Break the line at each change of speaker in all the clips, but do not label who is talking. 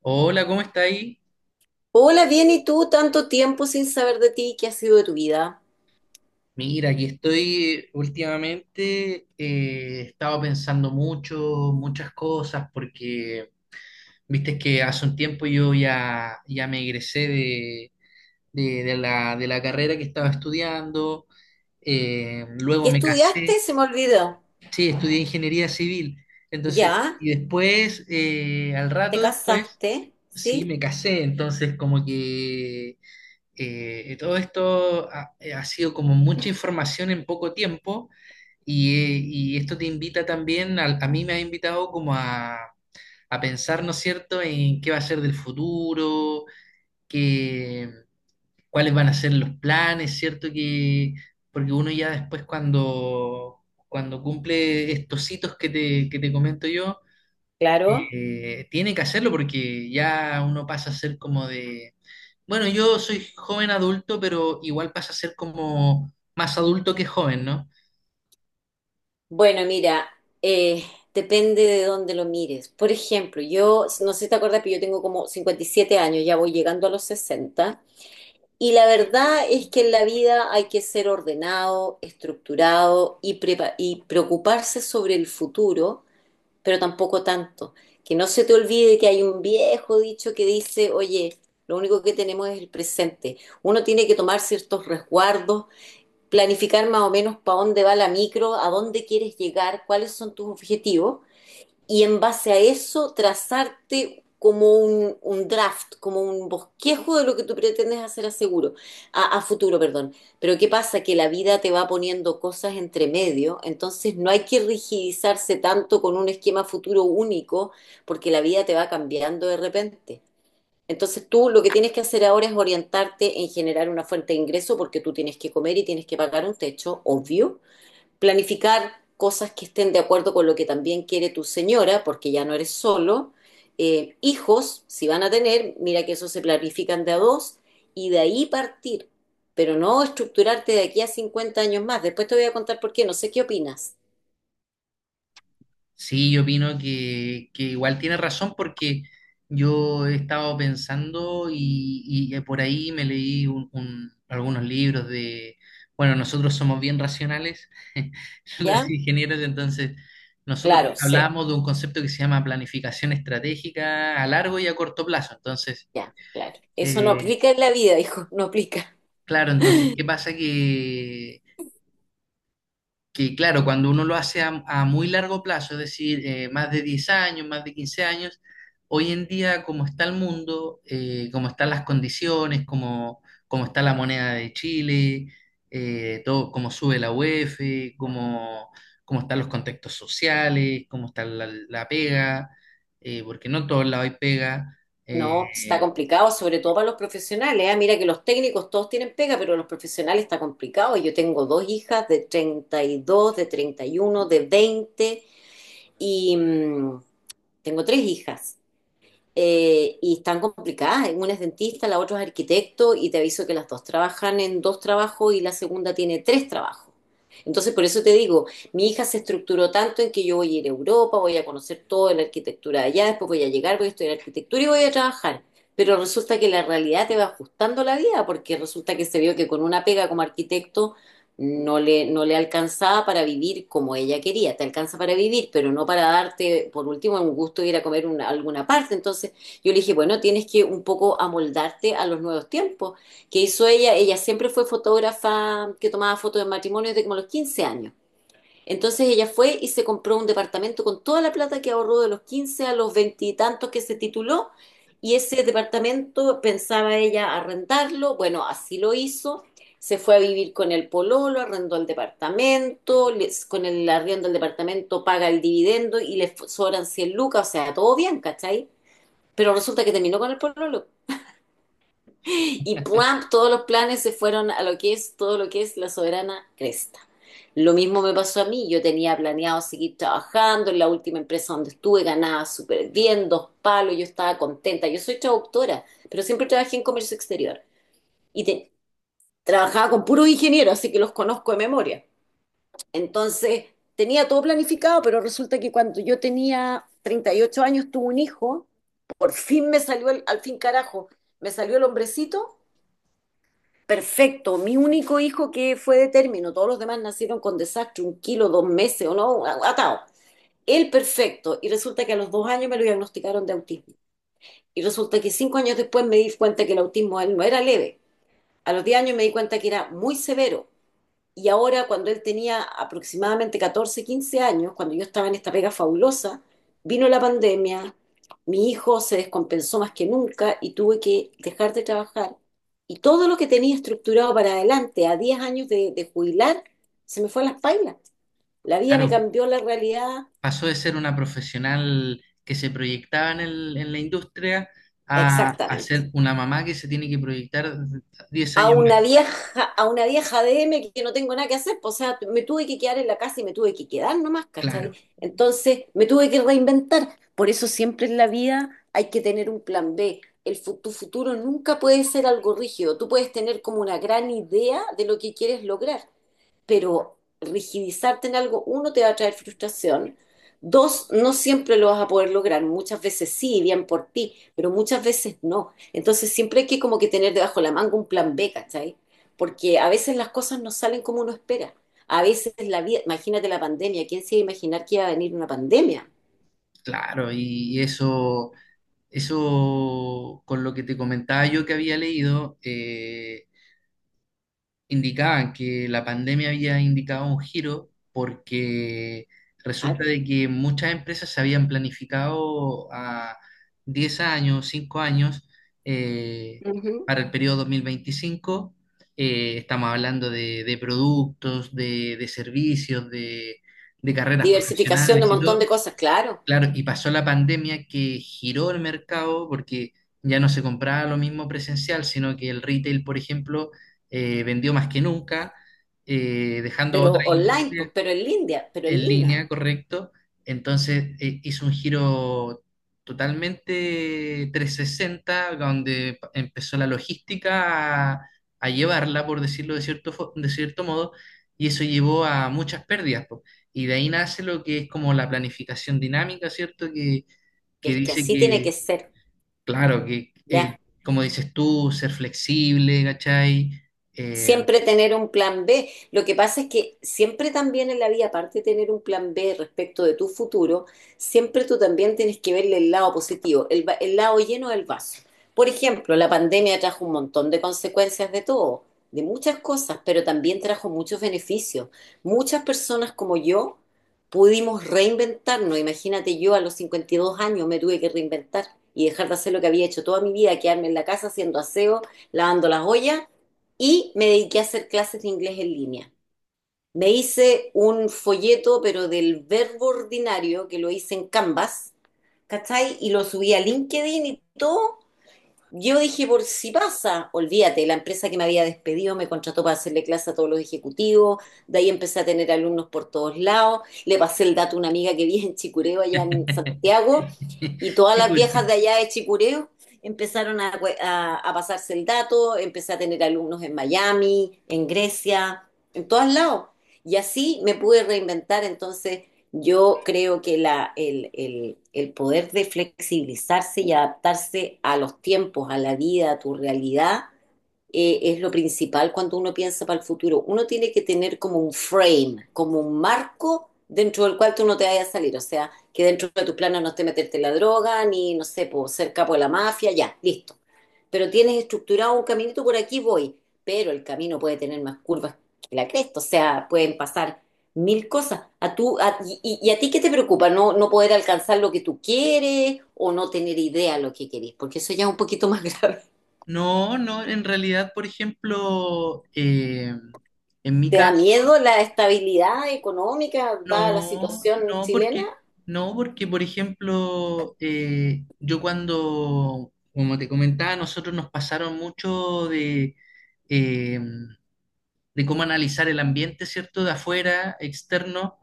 Hola, ¿cómo está ahí?
Hola, bien, ¿y tú? Tanto tiempo sin saber de ti, ¿qué ha sido de tu vida?
Mira, aquí estoy últimamente, he estado pensando mucho, muchas cosas, porque viste que hace un tiempo yo ya me egresé de la carrera que estaba estudiando.
¿Qué
Luego me
estudiaste?
casé.
Se me olvidó.
Sí, estudié ingeniería civil. Entonces,
¿Ya?
y después, al
¿Te
rato después,
casaste?
sí,
¿Sí?
me casé. Entonces como que todo esto ha sido como mucha información en poco tiempo, y esto te invita también, a mí me ha invitado como a pensar, ¿no es cierto?, en qué va a ser del futuro, qué, cuáles van a ser los planes, ¿cierto? Porque uno ya después cuando, cumple estos hitos que te comento yo,
Claro.
tiene que hacerlo porque ya uno pasa a ser como de bueno, yo soy joven adulto, pero igual pasa a ser como más adulto que joven, ¿no?
Bueno, mira, eh, depende de dónde lo mires. Por ejemplo, yo, no sé si te acuerdas, pero yo tengo como 57 años, ya voy llegando a los 60. Y la verdad es que en la vida hay que ser ordenado, estructurado y, y preocuparse sobre el futuro, pero tampoco tanto. Que no se te olvide que hay un viejo dicho que dice, oye, lo único que tenemos es el presente. Uno tiene que tomar ciertos resguardos, planificar más o menos para dónde va la micro, a dónde quieres llegar, cuáles son tus objetivos, y en base a eso trazarte como un draft, como un bosquejo de lo que tú pretendes hacer a seguro, a futuro, perdón. Pero ¿qué pasa? Que la vida te va poniendo cosas entre medio, entonces no hay que rigidizarse tanto con un esquema futuro único, porque la vida te va cambiando de repente. Entonces tú lo que tienes que hacer ahora es orientarte en generar una fuente de ingreso, porque tú tienes que comer y tienes que pagar un techo, obvio, planificar cosas que estén de acuerdo con lo que también quiere tu señora, porque ya no eres solo. Hijos, si van a tener, mira que eso se planifican de a dos y de ahí partir, pero no estructurarte de aquí a 50 años más. Después te voy a contar por qué, no sé qué opinas.
Sí, yo opino que igual tiene razón porque yo he estado pensando y, por ahí me leí algunos libros de, bueno, nosotros somos bien racionales, los
¿Ya?
ingenieros. Entonces nosotros
Claro, sé.
hablamos de un concepto que se llama planificación estratégica a largo y a corto plazo, entonces.
Ya, claro. Eso no
eh,
aplica en la vida, hijo, no aplica.
Claro, entonces, ¿qué pasa? Que claro, cuando uno lo hace a muy largo plazo, es decir, más de 10 años, más de 15 años, hoy en día como está el mundo, como están las condiciones, como está la moneda de Chile, todo, cómo sube la UEF, cómo, están los contextos sociales, cómo está la pega, porque no en todos lados hay pega.
No, está
eh,
complicado, sobre todo para los profesionales. Ah. Mira que los técnicos todos tienen pega, pero los profesionales está complicado. Yo tengo dos hijas de 32, de 31, de 20 y mm, tengo tres hijas, y están complicadas. Una es dentista, la otra es arquitecto y te aviso que las dos trabajan en dos trabajos y la segunda tiene tres trabajos. Entonces, por eso te digo, mi hija se estructuró tanto en que yo voy a ir a Europa, voy a conocer toda la arquitectura de allá, después voy a llegar, voy a estudiar arquitectura y voy a trabajar. Pero resulta que la realidad te va ajustando la vida, porque resulta que se vio que con una pega como arquitecto no le alcanzaba para vivir como ella quería. Te alcanza para vivir, pero no para darte, por último, un gusto de ir a comer alguna parte. Entonces yo le dije, bueno, tienes que un poco amoldarte a los nuevos tiempos. ¿Qué hizo ella? Ella siempre fue fotógrafa que tomaba fotos de matrimonios desde como los 15 años. Entonces ella fue y se compró un departamento con toda la plata que ahorró de los 15 a los veintitantos, que se tituló, y ese departamento pensaba ella arrendarlo. Bueno, así lo hizo. Se fue a vivir con el pololo, arrendó el departamento, con el arriendo del departamento paga el dividendo y sobran 100 lucas, o sea, todo bien, ¿cachai? Pero resulta que terminó con el pololo. Y ¡pum! Todos los planes se fueron a lo que es todo lo que es la soberana cresta. Lo mismo me pasó a mí, yo tenía planeado seguir trabajando en la última empresa donde estuve, ganaba súper bien, dos palos, yo estaba contenta, yo soy traductora, pero siempre trabajé en comercio exterior y te- trabajaba con puros ingenieros, así que los conozco de memoria. Entonces, tenía todo planificado, pero resulta que cuando yo tenía 38 años, tuve un hijo, por fin me salió al fin carajo, me salió el hombrecito. Perfecto, mi único hijo que fue de término, todos los demás nacieron con desastre, un kilo, dos meses o no, atado. Él perfecto, y resulta que a los 2 años me lo diagnosticaron de autismo. Y resulta que 5 años después me di cuenta que el autismo de él no era leve. A los diez años me di cuenta que era muy severo. Y ahora, cuando él tenía aproximadamente 14 15 años, cuando yo estaba en esta pega fabulosa, vino la pandemia, mi hijo se descompensó más que nunca y tuve que dejar de trabajar. Y todo lo que tenía estructurado para adelante, a 10 años de jubilar, se me fue a las pailas. La vida me
claro,
cambió la realidad.
pasó de ser una profesional que se proyectaba en la industria a
Exactamente.
ser una mamá que se tiene que proyectar diez
A
años
una
más.
vieja, a una vieja DM que no tengo nada que hacer, pues, o sea, me tuve que quedar en la casa y me tuve que quedar nomás,
Claro,
¿cachai? Entonces me tuve que reinventar. Por eso siempre en la vida hay que tener un plan B. Tu futuro nunca puede ser algo rígido. Tú puedes tener como una gran idea de lo que quieres lograr, pero rigidizarte en algo, uno, te va a traer frustración. Dos, no siempre lo vas a poder lograr. Muchas veces sí, bien por ti, pero muchas veces no. Entonces siempre hay que como que tener debajo de la manga un plan B, ¿cachai? Porque a veces las cosas no salen como uno espera. A veces la vida, imagínate la pandemia, ¿quién se iba a imaginar que iba a venir una pandemia?
claro, y eso, con lo que te comentaba yo que había leído, indicaban que la pandemia había indicado un giro porque resulta
Claro.
de que muchas empresas se habían planificado a 10 años, 5 años eh,
Ujú.
para el periodo 2025. Estamos hablando de, productos, de, servicios, de carreras
Diversificación de
profesionales
un
y
montón
todo.
de cosas, claro.
Claro, y pasó la pandemia que giró el mercado porque ya no se compraba lo mismo presencial, sino que el retail, por ejemplo, vendió más que nunca, dejando a
Pero
otras
online,
industrias
pues, pero en línea, pero en
en
línea.
línea, correcto. Entonces hizo un giro totalmente 360, donde empezó la logística a llevarla, por decirlo de cierto, de cierto modo, y eso llevó a muchas pérdidas. Po. Y de ahí nace lo que es como la planificación dinámica, ¿cierto? Que
Es que
dice
así tiene que
que,
ser,
claro, que
ya.
como dices tú, ser flexible, ¿cachai? Eh,
Siempre tener un plan B. Lo que pasa es que siempre también en la vida, aparte de tener un plan B respecto de tu futuro, siempre tú también tienes que verle el lado positivo, el lado lleno del vaso. Por ejemplo, la pandemia trajo un montón de consecuencias de todo, de muchas cosas, pero también trajo muchos beneficios. Muchas personas como yo pudimos reinventarnos. Imagínate, yo a los 52 años me tuve que reinventar y dejar de hacer lo que había hecho toda mi vida, quedarme en la casa haciendo aseo, lavando las ollas, y me dediqué a hacer clases de inglés en línea. Me hice un folleto, pero del verbo ordinario, que lo hice en Canvas, ¿cachai? Y lo subí a LinkedIn y todo, yo dije, por si pasa, olvídate, la empresa que me había despedido me contrató para hacerle clase a todos los ejecutivos, de ahí empecé a tener alumnos por todos lados, le pasé el dato a una amiga que vive en Chicureo, allá en Santiago, y todas
Qué
las viejas
curioso.
de allá de Chicureo empezaron a pasarse el dato, empecé a tener alumnos en Miami, en Grecia, en todos lados. Y así me pude reinventar, entonces yo creo que el poder de flexibilizarse y adaptarse a los tiempos, a la vida, a tu realidad, es lo principal cuando uno piensa para el futuro. Uno tiene que tener como un frame, como un marco dentro del cual tú no te vayas a salir. O sea, que dentro de tus planes no esté meterte la droga, ni, no sé, por ser capo de la mafia, ya, listo. Pero tienes estructurado un caminito, por aquí voy. Pero el camino puede tener más curvas que la cresta. O sea, pueden pasar mil cosas. ¿Y, y a ti qué te preocupa? ¿No, no poder alcanzar lo que tú quieres o no tener idea de lo que querés? Porque eso ya es un poquito más grave.
No, no, en realidad, por ejemplo, en mi
¿Te da
caso,
miedo la estabilidad económica, dada la
no,
situación
no,
chilena?
porque, no, porque, por ejemplo, yo cuando, como te comentaba, nosotros nos pasaron mucho eh, de cómo analizar el ambiente, ¿cierto? De afuera, externo,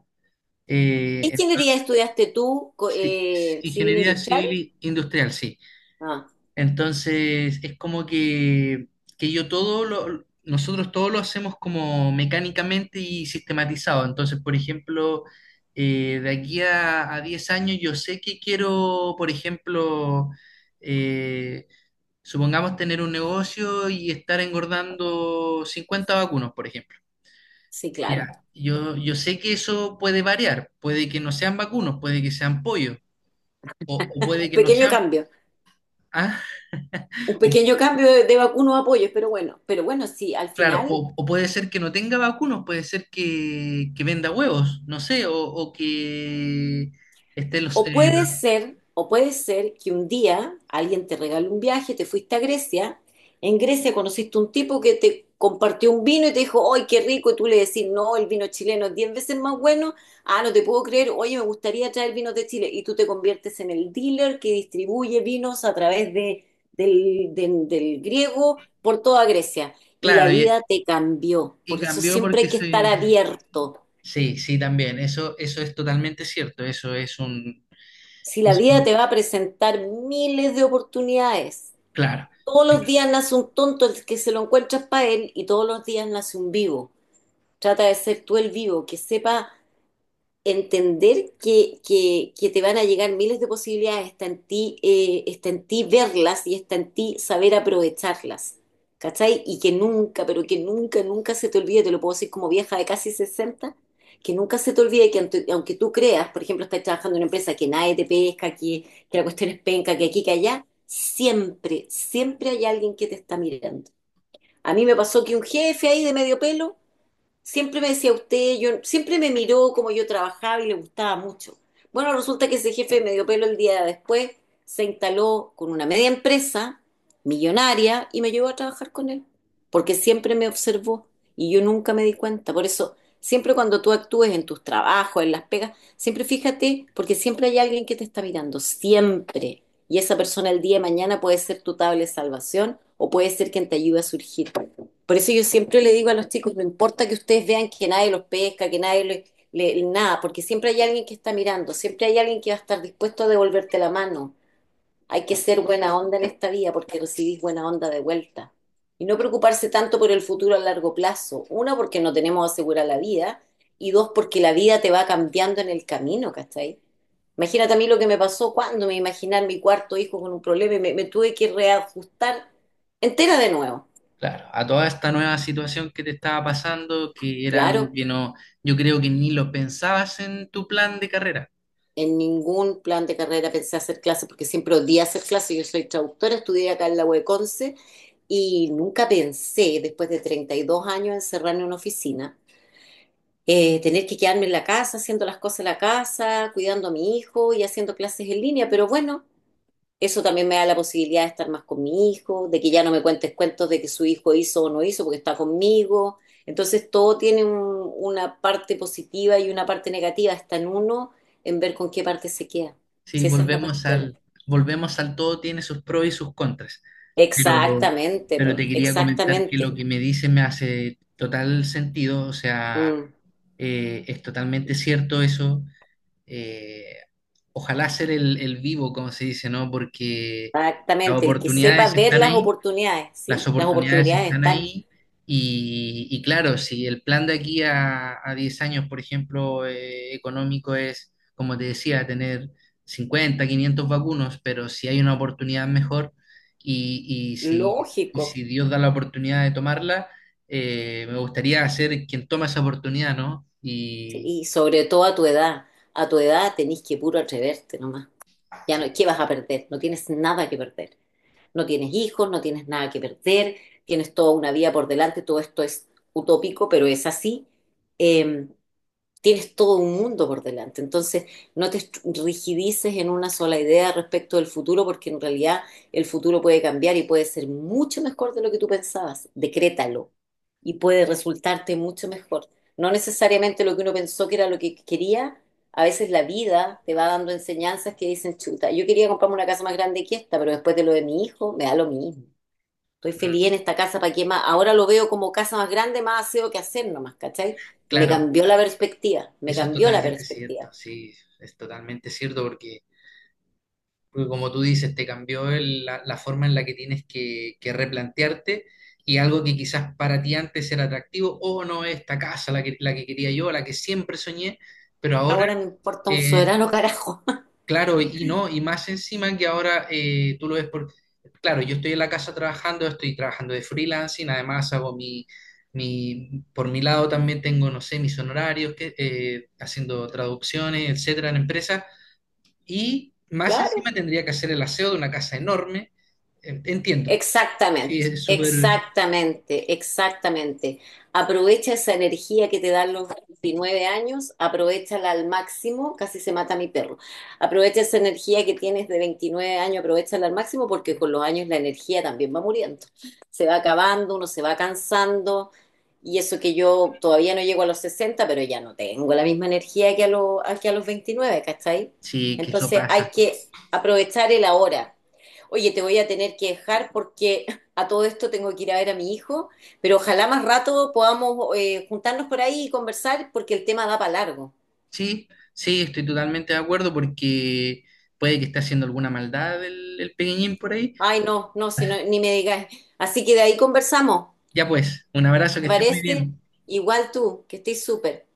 ¿Qué ingeniería
entonces,
estudiaste tú,
sí, sí,
civil
ingeniería
industrial?
civil e industrial, sí.
Ah,
Entonces, es como que, nosotros todo lo hacemos como mecánicamente y sistematizado. Entonces, por ejemplo, de aquí a 10 años yo sé que quiero, por ejemplo, eh, supongamos tener un negocio y estar engordando 50 vacunos, por ejemplo.
sí, claro.
Ya, yo sé que eso puede variar, puede que no sean vacunos, puede que sean pollos, o,
Un
puede que no
pequeño
sean.
cambio,
¿Ah?
un pequeño cambio de algunos apoyos, pero bueno, sí, al
Claro,
final.
o puede ser que no tenga vacunos, puede ser que, venda huevos, no sé, o, que esté los
O puede ser que un día alguien te regale un viaje, te fuiste a Grecia, en Grecia conociste un tipo que te compartió un vino y te dijo, ¡ay, qué rico! Y tú le decís, no, el vino chileno es 10 veces más bueno. Ah, no te puedo creer, oye, me gustaría traer vinos de Chile. Y tú te conviertes en el dealer que distribuye vinos a través de, del, del del griego por toda Grecia. Y la
claro,
vida te cambió.
y,
Por eso
cambió
siempre
porque
hay que estar
se.
abierto.
Sí, sí, también, eso es totalmente cierto, eso es un
Si la
eso
vida te va a presentar miles de oportunidades,
claro,
todos los días nace un tonto, el que se lo encuentras para él, y todos los días nace un vivo. Trata de ser tú el vivo, que sepa entender que te van a llegar miles de posibilidades, está en ti verlas y está en ti saber aprovecharlas. ¿Cachai? Y que nunca, pero que nunca, nunca se te olvide, te lo puedo decir como vieja de casi 60, que nunca se te olvide que aunque tú creas, por ejemplo, estás trabajando en una empresa que nadie te pesca, que la cuestión es penca, que aquí, que allá, siempre, siempre hay alguien que te está mirando. A mí me pasó que un jefe ahí de medio pelo siempre me decía usted, yo, siempre me miró como yo trabajaba y le gustaba mucho. Bueno, resulta que ese jefe de medio pelo el día después se instaló con una media empresa millonaria y me llevó a trabajar con él, porque siempre me observó y yo nunca me di cuenta. Por eso, siempre cuando tú actúes en tus trabajos, en las pegas, siempre fíjate, porque siempre hay alguien que te está mirando, siempre. Y esa persona el día de mañana puede ser tu tabla de salvación o puede ser quien te ayude a surgir. Por eso yo siempre le digo a los chicos, no importa que ustedes vean que nadie los pesca, que nadie le, le- nada, porque siempre hay alguien que está mirando, siempre hay alguien que va a estar dispuesto a devolverte la mano. Hay que ser buena onda en esta vida porque recibís buena onda de vuelta. Y no preocuparse tanto por el futuro a largo plazo. Una, porque no tenemos asegurada la vida. Y dos, porque la vida te va cambiando en el camino, ¿cachai? Imagínate a mí lo que me pasó cuando me imaginé a mi cuarto hijo con un problema y me tuve que reajustar entera de nuevo.
claro, a toda esta nueva situación que te estaba pasando, que era algo
Claro.
que no, yo creo que ni lo pensabas en tu plan de carrera.
En ningún plan de carrera pensé hacer clases porque siempre odié hacer clases. Yo soy traductora, estudié acá en la UECONCE y nunca pensé, después de 32 años, encerrarme en una oficina, tener que quedarme en la casa, haciendo las cosas en la casa, cuidando a mi hijo y haciendo clases en línea. Pero bueno, eso también me da la posibilidad de estar más con mi hijo, de que ya no me cuentes cuentos de que su hijo hizo o no hizo porque está conmigo. Entonces todo tiene una parte positiva y una parte negativa. Está en uno en ver con qué parte se queda.
Sí,
Si esa es la
volvemos al,
cuestión.
volvemos al todo tiene sus pros y sus contras, pero,
Exactamente,
pero
po,
te quería comentar que lo
exactamente.
que me dice me hace total sentido, o sea,
Mm,
es totalmente cierto eso. eh, Ojalá ser el, vivo, como se dice, ¿no? Porque las
exactamente. El que sepa
oportunidades
ver
están
las
ahí,
oportunidades,
las
¿sí? Las
oportunidades
oportunidades
están
están.
ahí, y claro, si el plan de aquí a 10 años, por ejemplo, económico es, como te decía, tener 50 500 vacunos, pero si hay una oportunidad mejor y, y si, y
Lógico.
si Dios da la oportunidad de tomarla, me gustaría ser quien toma esa oportunidad, ¿no?
Sí,
Y
y sobre todo a tu edad. A tu edad tenés que puro atreverte nomás. Ya no,
sí,
¿qué vas a perder? No tienes nada que perder. No tienes hijos, no tienes nada que perder, tienes toda una vida por delante, todo esto es utópico, pero es así. Eh, tienes todo un mundo por delante. Entonces, no te rigidices en una sola idea respecto del futuro, porque en realidad el futuro puede cambiar y puede ser mucho mejor de lo que tú pensabas. Decrétalo y puede resultarte mucho mejor. No necesariamente lo que uno pensó que era lo que quería. A veces la vida te va dando enseñanzas que dicen, chuta, yo quería comprarme una casa más grande que esta, pero después de lo de mi hijo, me da lo mismo. Estoy
mm,
feliz en esta casa, ¿para qué más? Ahora lo veo como casa más grande, más aseo que hacer nomás, ¿cachai? Me
claro,
cambió la perspectiva, me
eso es
cambió la
totalmente cierto,
perspectiva.
sí, es totalmente cierto porque. Porque como tú dices, te cambió la forma en la que tienes que, replantearte, y algo que quizás para ti antes era atractivo, o no, esta casa, la que quería yo, la que siempre soñé, pero ahora,
Ahora me importa un
eh,
soberano carajo.
claro, y no, y más encima que ahora tú lo ves por, claro, yo estoy en la casa trabajando, estoy trabajando de freelancing, además hago mi, por mi lado también tengo, no sé, mis honorarios, que, haciendo traducciones, etcétera, en empresas, y más
Claro.
encima tendría que hacer el aseo de una casa enorme. En- Entiendo. Sí,
Exactamente,
es súper,
exactamente, exactamente. Aprovecha esa energía que te dan los 29 años, aprovéchala al máximo, casi se mata mi perro. Aprovecha esa energía que tienes de 29 años, aprovéchala al máximo porque con los años la energía también va muriendo. Se va acabando, uno se va cansando y eso que yo todavía no llego a los 60, pero ya no tengo la misma energía que a los 29, ¿cachai?
sí, que eso
Entonces hay
pasa.
que aprovechar el ahora. Oye, te voy a tener que dejar porque a todo esto tengo que ir a ver a mi hijo, pero ojalá más rato podamos juntarnos por ahí y conversar porque el tema da para largo.
Sí, sí, estoy totalmente de acuerdo porque puede que esté haciendo alguna maldad el, pequeñín por ahí.
Ay, no, no, si no, ni me digas. Así que de ahí conversamos,
Ya pues, un abrazo, que
¿te
estés muy
parece?
bien.
Igual tú, que estés súper.